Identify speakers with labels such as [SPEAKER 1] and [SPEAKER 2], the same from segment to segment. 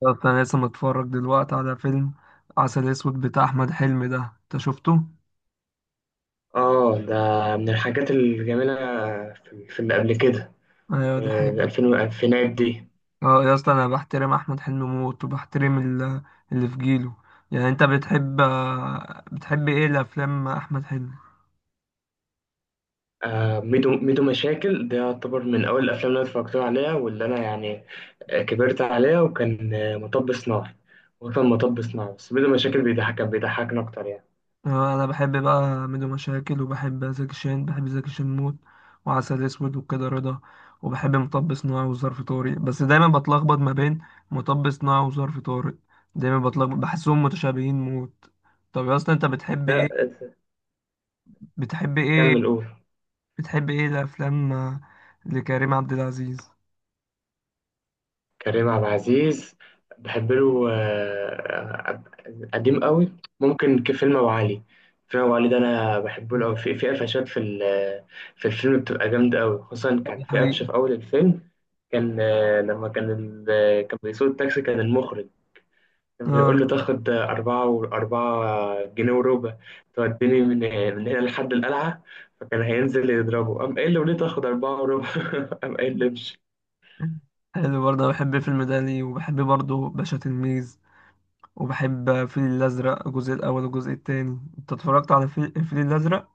[SPEAKER 1] بالظبط، انا لسه متفرج دلوقتي على فيلم عسل اسود بتاع احمد حلمي ده. انت شفته؟
[SPEAKER 2] اه ده من الحاجات الجميلة في اللي قبل كده
[SPEAKER 1] ايوه
[SPEAKER 2] في
[SPEAKER 1] دي حقيقة.
[SPEAKER 2] الألفين والألفينات دي.
[SPEAKER 1] اه يا اسطى، انا بحترم احمد حلمي موت وبحترم اللي في جيله. يعني انت بتحب ايه الافلام احمد حلمي؟
[SPEAKER 2] ميدو مشاكل ده يعتبر من أول الأفلام اللي أنا اتفرجت عليها واللي أنا كبرت عليها، وكان مطب صناعي. بس ميدو مشاكل بيضحك، كان بيضحكنا أكتر يعني.
[SPEAKER 1] اه انا بحب بقى ميدو مشاكل، وبحب زكي شان، بحب زكي شان موت، وعسل اسود وكده رضا. وبحب مطب صناعي وظرف طارق، بس دايما بتلخبط ما بين مطب صناعي وظرف طارق، دايما بتلخبط، بحسهم متشابهين موت. طب يا اسطى، انت
[SPEAKER 2] لا،
[SPEAKER 1] بتحب ايه
[SPEAKER 2] كمل قول.
[SPEAKER 1] بتحب ايه الافلام لكريم عبد العزيز؟
[SPEAKER 2] كريم عبد العزيز بحب له قديم قوي، ممكن كفيلم ابو علي. فيلم ابو علي ده انا بحبه له قوي، في قفشات في الفيلم بتبقى جامده قوي. خصوصا
[SPEAKER 1] طب
[SPEAKER 2] كان
[SPEAKER 1] ده
[SPEAKER 2] في
[SPEAKER 1] حقيقي.
[SPEAKER 2] قفشه في اول الفيلم، كان لما كان بيسوق التاكسي، كان المخرج كان بيقول له
[SPEAKER 1] اه
[SPEAKER 2] تاخد أربعة، وأربعة جنيه وربع توديني من هنا لحد القلعة. فكان هينزل يضربه، قام قايل له ليه تاخد أربعة وربع؟ قام قايل له امشي.
[SPEAKER 1] حلو برضه، أنا بحب فيلم دالي، وبحب برضه باشا تلميذ، وبحب الفيل الأزرق، الجزء الأول والجزء التاني. أنت اتفرجت على الفيل الفيل الأزرق؟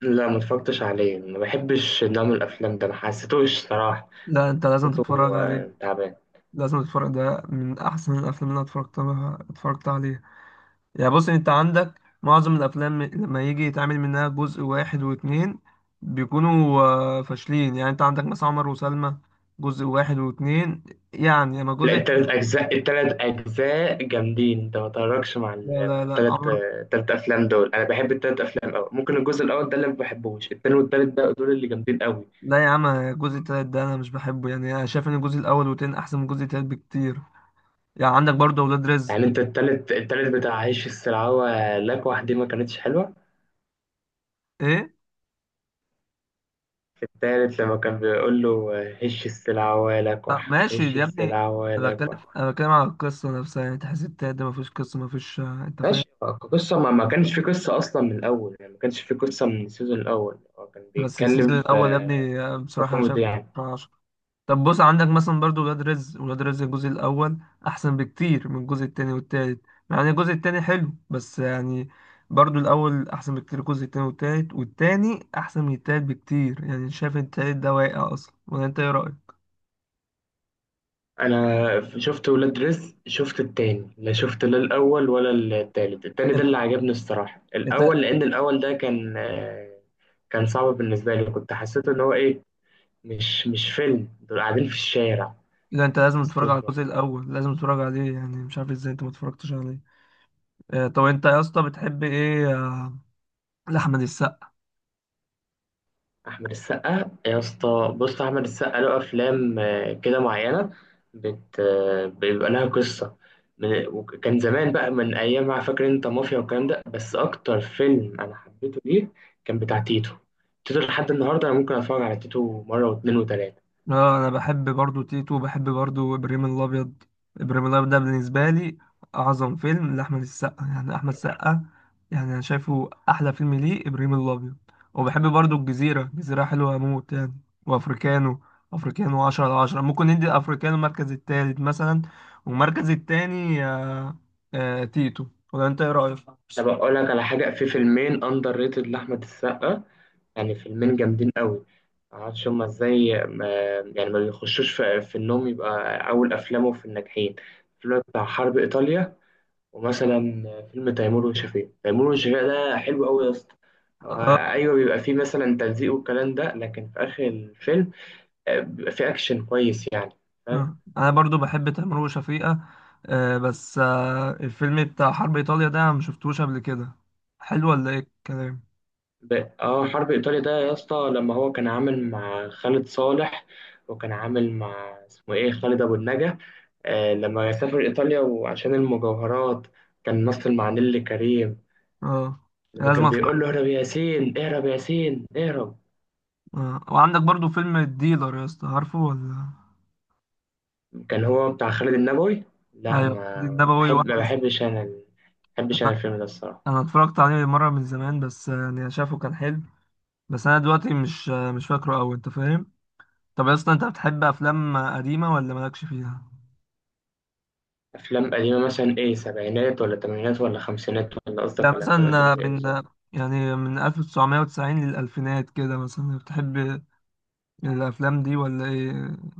[SPEAKER 2] لا، ما اتفرجتش عليه، ما بحبش نوع من الافلام ده، ما حسيتوش صراحه.
[SPEAKER 1] لا أنت لازم
[SPEAKER 2] حسيته
[SPEAKER 1] تتفرج عليه،
[SPEAKER 2] تعبان.
[SPEAKER 1] لازم تتفرج، ده من أحسن الأفلام اللي أنا اتفرجت عليها. يعني بص، انت عندك معظم الافلام لما يجي يتعمل منها جزء واحد واتنين بيكونوا فاشلين. يعني انت عندك مثلا عمر وسلمى جزء واحد واتنين، يعني اما
[SPEAKER 2] لا، التلات اجزاء، التلات اجزاء جامدين. انت ما تتفرجش مع
[SPEAKER 1] لا
[SPEAKER 2] مع
[SPEAKER 1] لا لا
[SPEAKER 2] التلات
[SPEAKER 1] عمر،
[SPEAKER 2] التلات افلام دول، انا بحب التلات افلام قوي. ممكن الجزء الاول ده اللي ما بحبوش، التاني والتالت بقى دول اللي جامدين قوي.
[SPEAKER 1] لا يا عم، الجزء التالت ده انا مش بحبه. يعني انا شايف ان الجزء الاول والتاني احسن من الجزء التالت بكتير. يعني عندك برضه اولاد رزق.
[SPEAKER 2] يعني انت التالت، التالت بتاع هش السلعوه لكوح دي ما كانتش حلوه.
[SPEAKER 1] ايه؟
[SPEAKER 2] التالت لما كان بيقول له هش السلعوه
[SPEAKER 1] طب
[SPEAKER 2] لكوح،
[SPEAKER 1] ماشي
[SPEAKER 2] هش
[SPEAKER 1] يا ابني.
[SPEAKER 2] السلعوه
[SPEAKER 1] انا بتكلم،
[SPEAKER 2] لكوح.
[SPEAKER 1] انا بتكلم على القصه نفسها، يعني تحس التالت ده مفيش قصه، مفيش، آه، انت فاهم.
[SPEAKER 2] ماشي. قصة ما كانش في قصة أصلا من الأول، يعني ما كانش في قصة من السيزون الأول، هو كان
[SPEAKER 1] بس
[SPEAKER 2] بيتكلم
[SPEAKER 1] السيزون
[SPEAKER 2] في
[SPEAKER 1] الاول يا ابني، آه،
[SPEAKER 2] في
[SPEAKER 1] بصراحه انا شايف.
[SPEAKER 2] كوميدي يعني.
[SPEAKER 1] طب بص، عندك مثلا برضو ولاد رزق، ولاد رزق الجزء الأول أحسن بكتير من الجزء التاني والتالت. يعني الجزء التاني حلو، بس يعني برضو الأول أحسن بكتير. الجزء التاني والتالت، والتاني أحسن من التالت بكتير. يعني شايف التالت ده واقع أصلا، ولا أنت إيه رأيك؟
[SPEAKER 2] شفت ولاد رزق، شفت التاني، لا شفت لا الأول ولا التالت. التاني ده اللي
[SPEAKER 1] ال-
[SPEAKER 2] عجبني الصراحة،
[SPEAKER 1] أنت
[SPEAKER 2] الأول، لأن الأول ده كان كان صعب بالنسبة لي، كنت حسيت إن هو إيه، مش فيلم دول قاعدين في الشارع.
[SPEAKER 1] لا، أنت لازم تتفرج
[SPEAKER 2] حسيتوش.
[SPEAKER 1] على الجزء الأول، لازم تتفرج عليه، يعني مش عارف إزاي أنت ما اتفرجتش عليه. طب أنت يا اسطى، بتحب إيه لأحمد السقا؟
[SPEAKER 2] احمد السقا يا اسطى، بص، احمد السقا له افلام كده معينه، بت آه، بيبقى لها قصه. وكان زمان بقى من ايام ما فاكر انت مافيا والكلام ده. بس اكتر فيلم انا حبيته ليه كان بتاع تيتو. تيتو لحد النهارده انا ممكن اتفرج على تيتو مره واتنين وتلاته.
[SPEAKER 1] اه انا بحب برضو تيتو، وبحب برضو ابراهيم الابيض. ابراهيم الابيض ده بالنسبه لي اعظم فيلم لاحمد السقا، يعني احمد السقا، يعني انا شايفه احلى فيلم ليه ابراهيم الابيض. وبحب برضو الجزيره، الجزيره حلوه اموت يعني. وافريكانو، افريكانو 10 على 10، ممكن ندي افريكانو المركز التالت مثلا، والمركز التاني تيتو، ولا انت ايه رايك؟
[SPEAKER 2] طب اقول لك على حاجه، في فيلمين اندر ريتد لاحمد السقا، يعني فيلمين جامدين قوي، معرفش هما ازاي ما يعني ما بيخشوش في انهم يبقى اول افلامه في الناجحين. الفيلم بتاع حرب ايطاليا، ومثلا فيلم تيمور وشفيقة. تيمور وشفيقة ده حلو قوي يا اسطى. ايوه بيبقى فيه مثلا تلزيق والكلام ده، لكن في اخر الفيلم بيبقى فيه اكشن كويس يعني. فاهم؟
[SPEAKER 1] مم. انا برضو بحب تامر وشفيقة. بس الفيلم بتاع حرب ايطاليا ده أنا مشفتوش قبل كده، حلو ولا ايه الكلام؟
[SPEAKER 2] ب- اه، حرب ايطاليا ده يا اسطى، لما هو كان عامل مع خالد صالح، وكان عامل مع اسمه ايه، خالد ابو النجا. آه، لما سافر ايطاليا وعشان المجوهرات، كان مثل مع نيللي كريم.
[SPEAKER 1] اه
[SPEAKER 2] لما
[SPEAKER 1] لازم
[SPEAKER 2] كان
[SPEAKER 1] اتفرج.
[SPEAKER 2] بيقول له اهرب يا ياسين، اهرب يا ياسين، اهرب.
[SPEAKER 1] آه. وعندك برضو فيلم الديلر يا اسطى، عارفه ولا؟
[SPEAKER 2] كان هو بتاع خالد النبوي. لا،
[SPEAKER 1] ايوه
[SPEAKER 2] ما
[SPEAKER 1] النبوي
[SPEAKER 2] بحب ما
[SPEAKER 1] واحمد
[SPEAKER 2] بحبش انا ما بحبش انا
[SPEAKER 1] انا
[SPEAKER 2] الفيلم ده الصراحه.
[SPEAKER 1] أنا اتفرجت عليه مره من زمان، بس يعني شافه كان حلو، بس انا دلوقتي مش مش فاكره قوي، انت فاهم. طب يا اسطى، انت بتحب افلام قديمه ولا مالكش فيها؟
[SPEAKER 2] افلام قديمه مثلا ايه، سبعينات ولا تمانينات ولا خمسينات، ولا
[SPEAKER 1] لا
[SPEAKER 2] قصدك على افلام قديمه
[SPEAKER 1] مثلا، آه،
[SPEAKER 2] زي ايه
[SPEAKER 1] من آه،
[SPEAKER 2] بالظبط؟
[SPEAKER 1] يعني من 1990 للألفينات كده، مثلا بتحب الافلام دي ولا ايه؟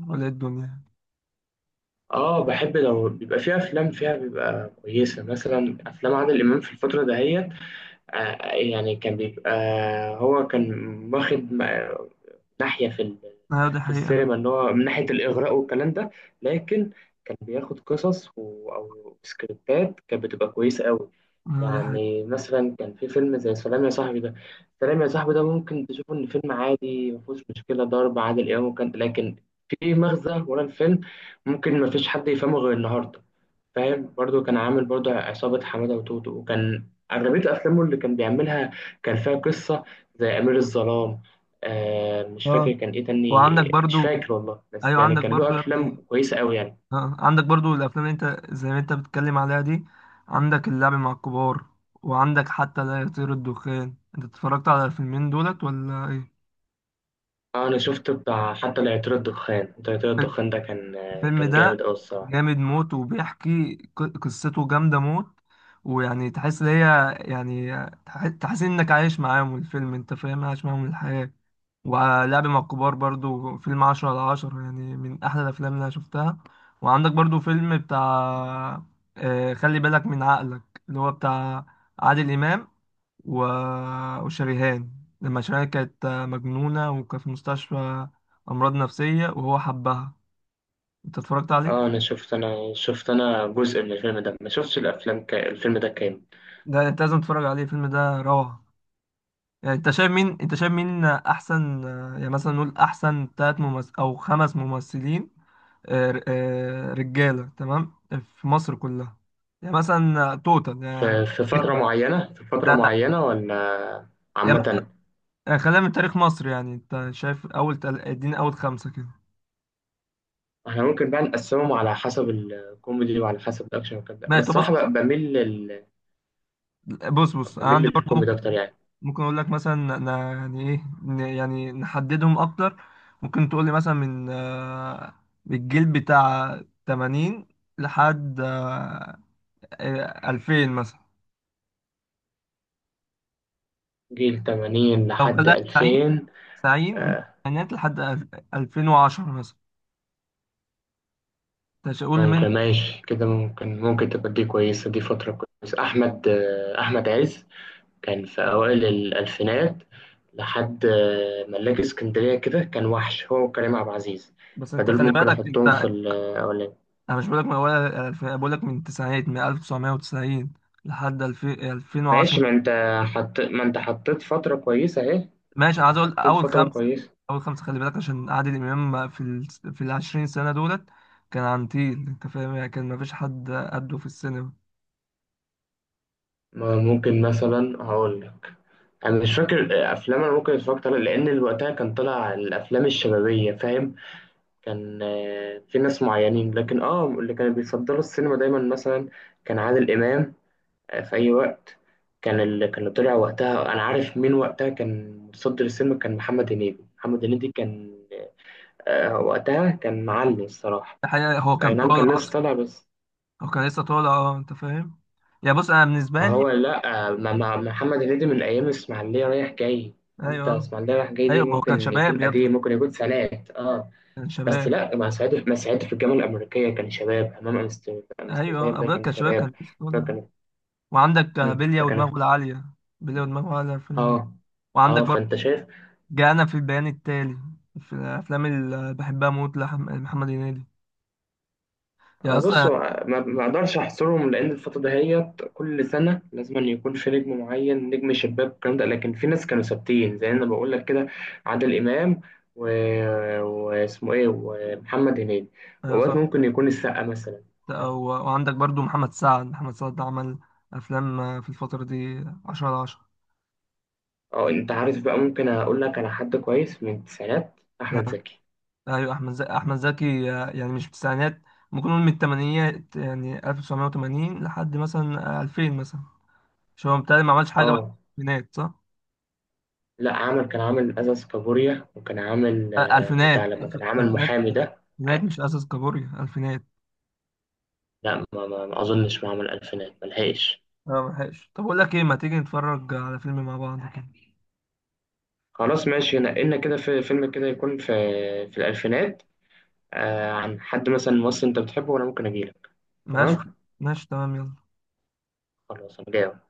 [SPEAKER 1] ولا ايه الدنيا؟
[SPEAKER 2] اه بحب، لو بيبقى فيها افلام فيها بيبقى كويسه، مثلا افلام عادل امام في الفتره دهيت يعني كان بيبقى، هو كان واخد م- ناحية
[SPEAKER 1] اه دي
[SPEAKER 2] في
[SPEAKER 1] حقيقة.
[SPEAKER 2] السينما، اللي هو من ناحية الإغراء والكلام ده، لكن كان بياخد أو سكريبتات كانت بتبقى كويسة قوي.
[SPEAKER 1] اه دي حقيقة.
[SPEAKER 2] يعني مثلا كان في فيلم زي سلام يا صاحبي ده، سلام يا صاحبي ده ممكن تشوفه إن فيلم عادي مفيهوش مشكلة ضرب عادل إمام وكان، لكن في مغزى ورا الفيلم، ممكن مفيش حد يفهمه غير النهاردة. فاهم؟ برضو كان عامل برضو عصابة حمادة وتوتو، وكان أغلبية أفلامه اللي كان بيعملها كان فيها قصة، زي أمير الظلام. آه، مش
[SPEAKER 1] اه
[SPEAKER 2] فاكر كان إيه
[SPEAKER 1] وعندك
[SPEAKER 2] تاني، مش
[SPEAKER 1] برضو،
[SPEAKER 2] فاكر والله، بس
[SPEAKER 1] ايوه
[SPEAKER 2] يعني
[SPEAKER 1] عندك
[SPEAKER 2] كان له
[SPEAKER 1] برضو يا ابني،
[SPEAKER 2] أفلام كويسة أوي يعني.
[SPEAKER 1] اه عندك برضو الافلام اللي انت زي ما انت بتتكلم عليها دي. عندك اللعب مع الكبار، وعندك حتى لا يطير الدخان، انت اتفرجت على الفيلمين دولت ولا ايه؟
[SPEAKER 2] آه أنا شفت بتاع حتى لا يطير الدخان. حتى لا يطير
[SPEAKER 1] الفيلم،
[SPEAKER 2] الدخان ده كان آه،
[SPEAKER 1] الفيلم
[SPEAKER 2] كان
[SPEAKER 1] ده
[SPEAKER 2] جامد أوي الصراحة.
[SPEAKER 1] جامد موت، وبيحكي قصته جامدة موت، ويعني تحس ان هي يعني تحس انك عايش معاهم الفيلم، انت فاهم، عايش معاهم الحياة. ولعب مع الكبار برضو فيلم عشرة على عشرة، يعني من أحلى الأفلام اللي أنا شفتها. وعندك برضو فيلم بتاع خلي بالك من عقلك، اللي هو بتاع عادل إمام و... وشريهان، لما شريهان كانت مجنونة، وكانت في مستشفى أمراض نفسية وهو حبها. أنت اتفرجت عليه؟
[SPEAKER 2] آه أنا شفت، أنا جزء من الفيلم ده ما شفتش الفيلم ده كامل.
[SPEAKER 1] ده أنت لازم تتفرج عليه، الفيلم ده روعة. يعني أنت شايف مين، أنت شايف مين أحسن، يعني مثلا نقول أحسن تلات ممثل أو خمس ممثلين، رجاله تمام في مصر كلها، يعني مثلا توتال يعني.
[SPEAKER 2] في فترة معينة، في فترة
[SPEAKER 1] لا لا،
[SPEAKER 2] معينة ولا
[SPEAKER 1] يعني مثلا
[SPEAKER 2] عامة؟
[SPEAKER 1] خلينا من تاريخ مصر، يعني انت شايف اول اديني اول خمسه كده.
[SPEAKER 2] احنا ممكن بقى نقسمهم على حسب الكوميدي وعلى حسب الاكشن وكده. انا
[SPEAKER 1] ماشي. طب بص
[SPEAKER 2] الصراحة
[SPEAKER 1] بص،
[SPEAKER 2] بقى
[SPEAKER 1] بص بص، انا
[SPEAKER 2] بميل
[SPEAKER 1] عندي برضو،
[SPEAKER 2] للكوميدي أكتر
[SPEAKER 1] ممكن،
[SPEAKER 2] يعني.
[SPEAKER 1] ممكن اقول لك مثلا، يعني نحددهم اكتر. ممكن تقول لي مثلا من الجيل بتاع 80 لحد 2000 مثلا،
[SPEAKER 2] جيل 80
[SPEAKER 1] لو
[SPEAKER 2] لحد
[SPEAKER 1] بدأت سعيد،
[SPEAKER 2] 2000،
[SPEAKER 1] سعيد من
[SPEAKER 2] آه،
[SPEAKER 1] الثمانينات لحد 2010 مثلا. انت مش هقول من،
[SPEAKER 2] ممكن، ماشي كده، ممكن تبقى دي كويسة، دي فترة كويسة. أحمد أحمد عز كان في أوائل الألفينات لحد ملاك اسكندرية كده، كان وحش هو وكريم عبد العزيز.
[SPEAKER 1] بس انت
[SPEAKER 2] فدول
[SPEAKER 1] خلي
[SPEAKER 2] ممكن
[SPEAKER 1] بالك،
[SPEAKER 2] أحطهم في
[SPEAKER 1] انت
[SPEAKER 2] الأولاني.
[SPEAKER 1] انا مش بقولك بقول لك من التسعينات، من 1990 لحد 2000،
[SPEAKER 2] ماشي،
[SPEAKER 1] 2010.
[SPEAKER 2] ما أنت حطيت فترة كويسة أهي،
[SPEAKER 1] ماشي.
[SPEAKER 2] ما
[SPEAKER 1] انا
[SPEAKER 2] أنت
[SPEAKER 1] عايز اقول
[SPEAKER 2] حطيت
[SPEAKER 1] اول
[SPEAKER 2] فترة
[SPEAKER 1] خمسه،
[SPEAKER 2] كويسة.
[SPEAKER 1] اول خمسه. خلي بالك، عشان عادل امام في ال 20 سنه دولت كان عنتيل، انت فاهم؟ يعني كان مفيش حد قده في السينما.
[SPEAKER 2] ما ممكن مثلا هقول لك، انا مش فاكر افلام انا ممكن اتفرجت عليها، لان وقتها كان طلع الافلام الشبابيه فاهم، كان في ناس معينين، لكن اه اللي كانوا بيفضلوا السينما دايما مثلا كان عادل امام في اي وقت، كان اللي طلع وقتها انا عارف مين وقتها كان متصدر السينما، كان محمد هنيدي. محمد هنيدي كان وقتها كان معلي الصراحه.
[SPEAKER 1] الحقيقه هو
[SPEAKER 2] اي
[SPEAKER 1] كان
[SPEAKER 2] نعم
[SPEAKER 1] طالع
[SPEAKER 2] كان لسه
[SPEAKER 1] اصلا،
[SPEAKER 2] طالع بس.
[SPEAKER 1] هو كان لسه طالع، اه انت فاهم. يا بص انا
[SPEAKER 2] ما
[SPEAKER 1] بالنسبه لي.
[SPEAKER 2] هو لا ما ما محمد هنيدي من ايام الاسماعيليه رايح جاي. انت
[SPEAKER 1] ايوه
[SPEAKER 2] اسماعيليه رايح جاي دي
[SPEAKER 1] ايوه. ما هو كان
[SPEAKER 2] ممكن
[SPEAKER 1] شباب
[SPEAKER 2] يكون
[SPEAKER 1] يا ابني،
[SPEAKER 2] قديم، ممكن يكون سنوات اه.
[SPEAKER 1] كان
[SPEAKER 2] بس
[SPEAKER 1] شباب.
[SPEAKER 2] لا، ما سعيد ما سعيد في الجامعه الامريكيه كان شباب، امام امستردام
[SPEAKER 1] ايوه
[SPEAKER 2] ده
[SPEAKER 1] ابويا
[SPEAKER 2] كان
[SPEAKER 1] كان شويه، كان
[SPEAKER 2] شباب.
[SPEAKER 1] في اسطوره.
[SPEAKER 2] فكانت
[SPEAKER 1] وعندك بلية
[SPEAKER 2] فكانت
[SPEAKER 1] ودماغه العاليه، بلية ودماغه العاليه فيلم.
[SPEAKER 2] اه.
[SPEAKER 1] وعندك
[SPEAKER 2] اه،
[SPEAKER 1] برضه
[SPEAKER 2] فانت شايف
[SPEAKER 1] جانا في البيان التالي، في الافلام اللي بحبها موت، لمحمد هنيدي يا
[SPEAKER 2] بص،
[SPEAKER 1] اصلا.
[SPEAKER 2] ما اقدرش احصرهم، لان الفتره دهيت كل سنه لازم أن يكون في نجم معين، نجم شباك والكلام ده، لكن في ناس كانوا ثابتين زي انا بقول لك كده، عادل امام و... واسمه ايه، ومحمد هنيدي،
[SPEAKER 1] ايوه
[SPEAKER 2] واوقات
[SPEAKER 1] صح.
[SPEAKER 2] ممكن يكون السقا مثلا.
[SPEAKER 1] أو- وعندك برضه محمد سعد، محمد سعد عمل افلام في الفتره دي 10 على 10.
[SPEAKER 2] اه انت عارف بقى، ممكن اقول لك على حد كويس من التسعينات، احمد زكي.
[SPEAKER 1] ايوه احمد زكي، احمد زكي يعني مش في التسعينات، ممكن نقول من الثمانينات، يعني 1980 لحد مثلا 2000 مثلا، مش هو بالتالي ما عملش حاجه بعد
[SPEAKER 2] اه،
[SPEAKER 1] الثمانينات صح؟
[SPEAKER 2] لا عمل، كان عامل ازاز، كابوريا، وكان عامل
[SPEAKER 1] الفينات،
[SPEAKER 2] بتاع لما كان عامل
[SPEAKER 1] الفينات،
[SPEAKER 2] محامي ده.
[SPEAKER 1] الفينات
[SPEAKER 2] آه،
[SPEAKER 1] مش اساس كابوريا الفينات.
[SPEAKER 2] لا ما اظنش ما عمل الفينات، ملحقش.
[SPEAKER 1] اه ملحقش. طب اقول لك ايه، ما تيجي نتفرج على فيلم مع بعض كده.
[SPEAKER 2] خلاص ماشي، نقلنا كده في فيلم كده يكون في في الألفينات، آه، عن حد مثلا ممثل أنت بتحبه وأنا ممكن أجيلك.
[SPEAKER 1] ماشي
[SPEAKER 2] تمام،
[SPEAKER 1] ماشي تمام يلا.
[SPEAKER 2] خلاص أنا جاي أهو.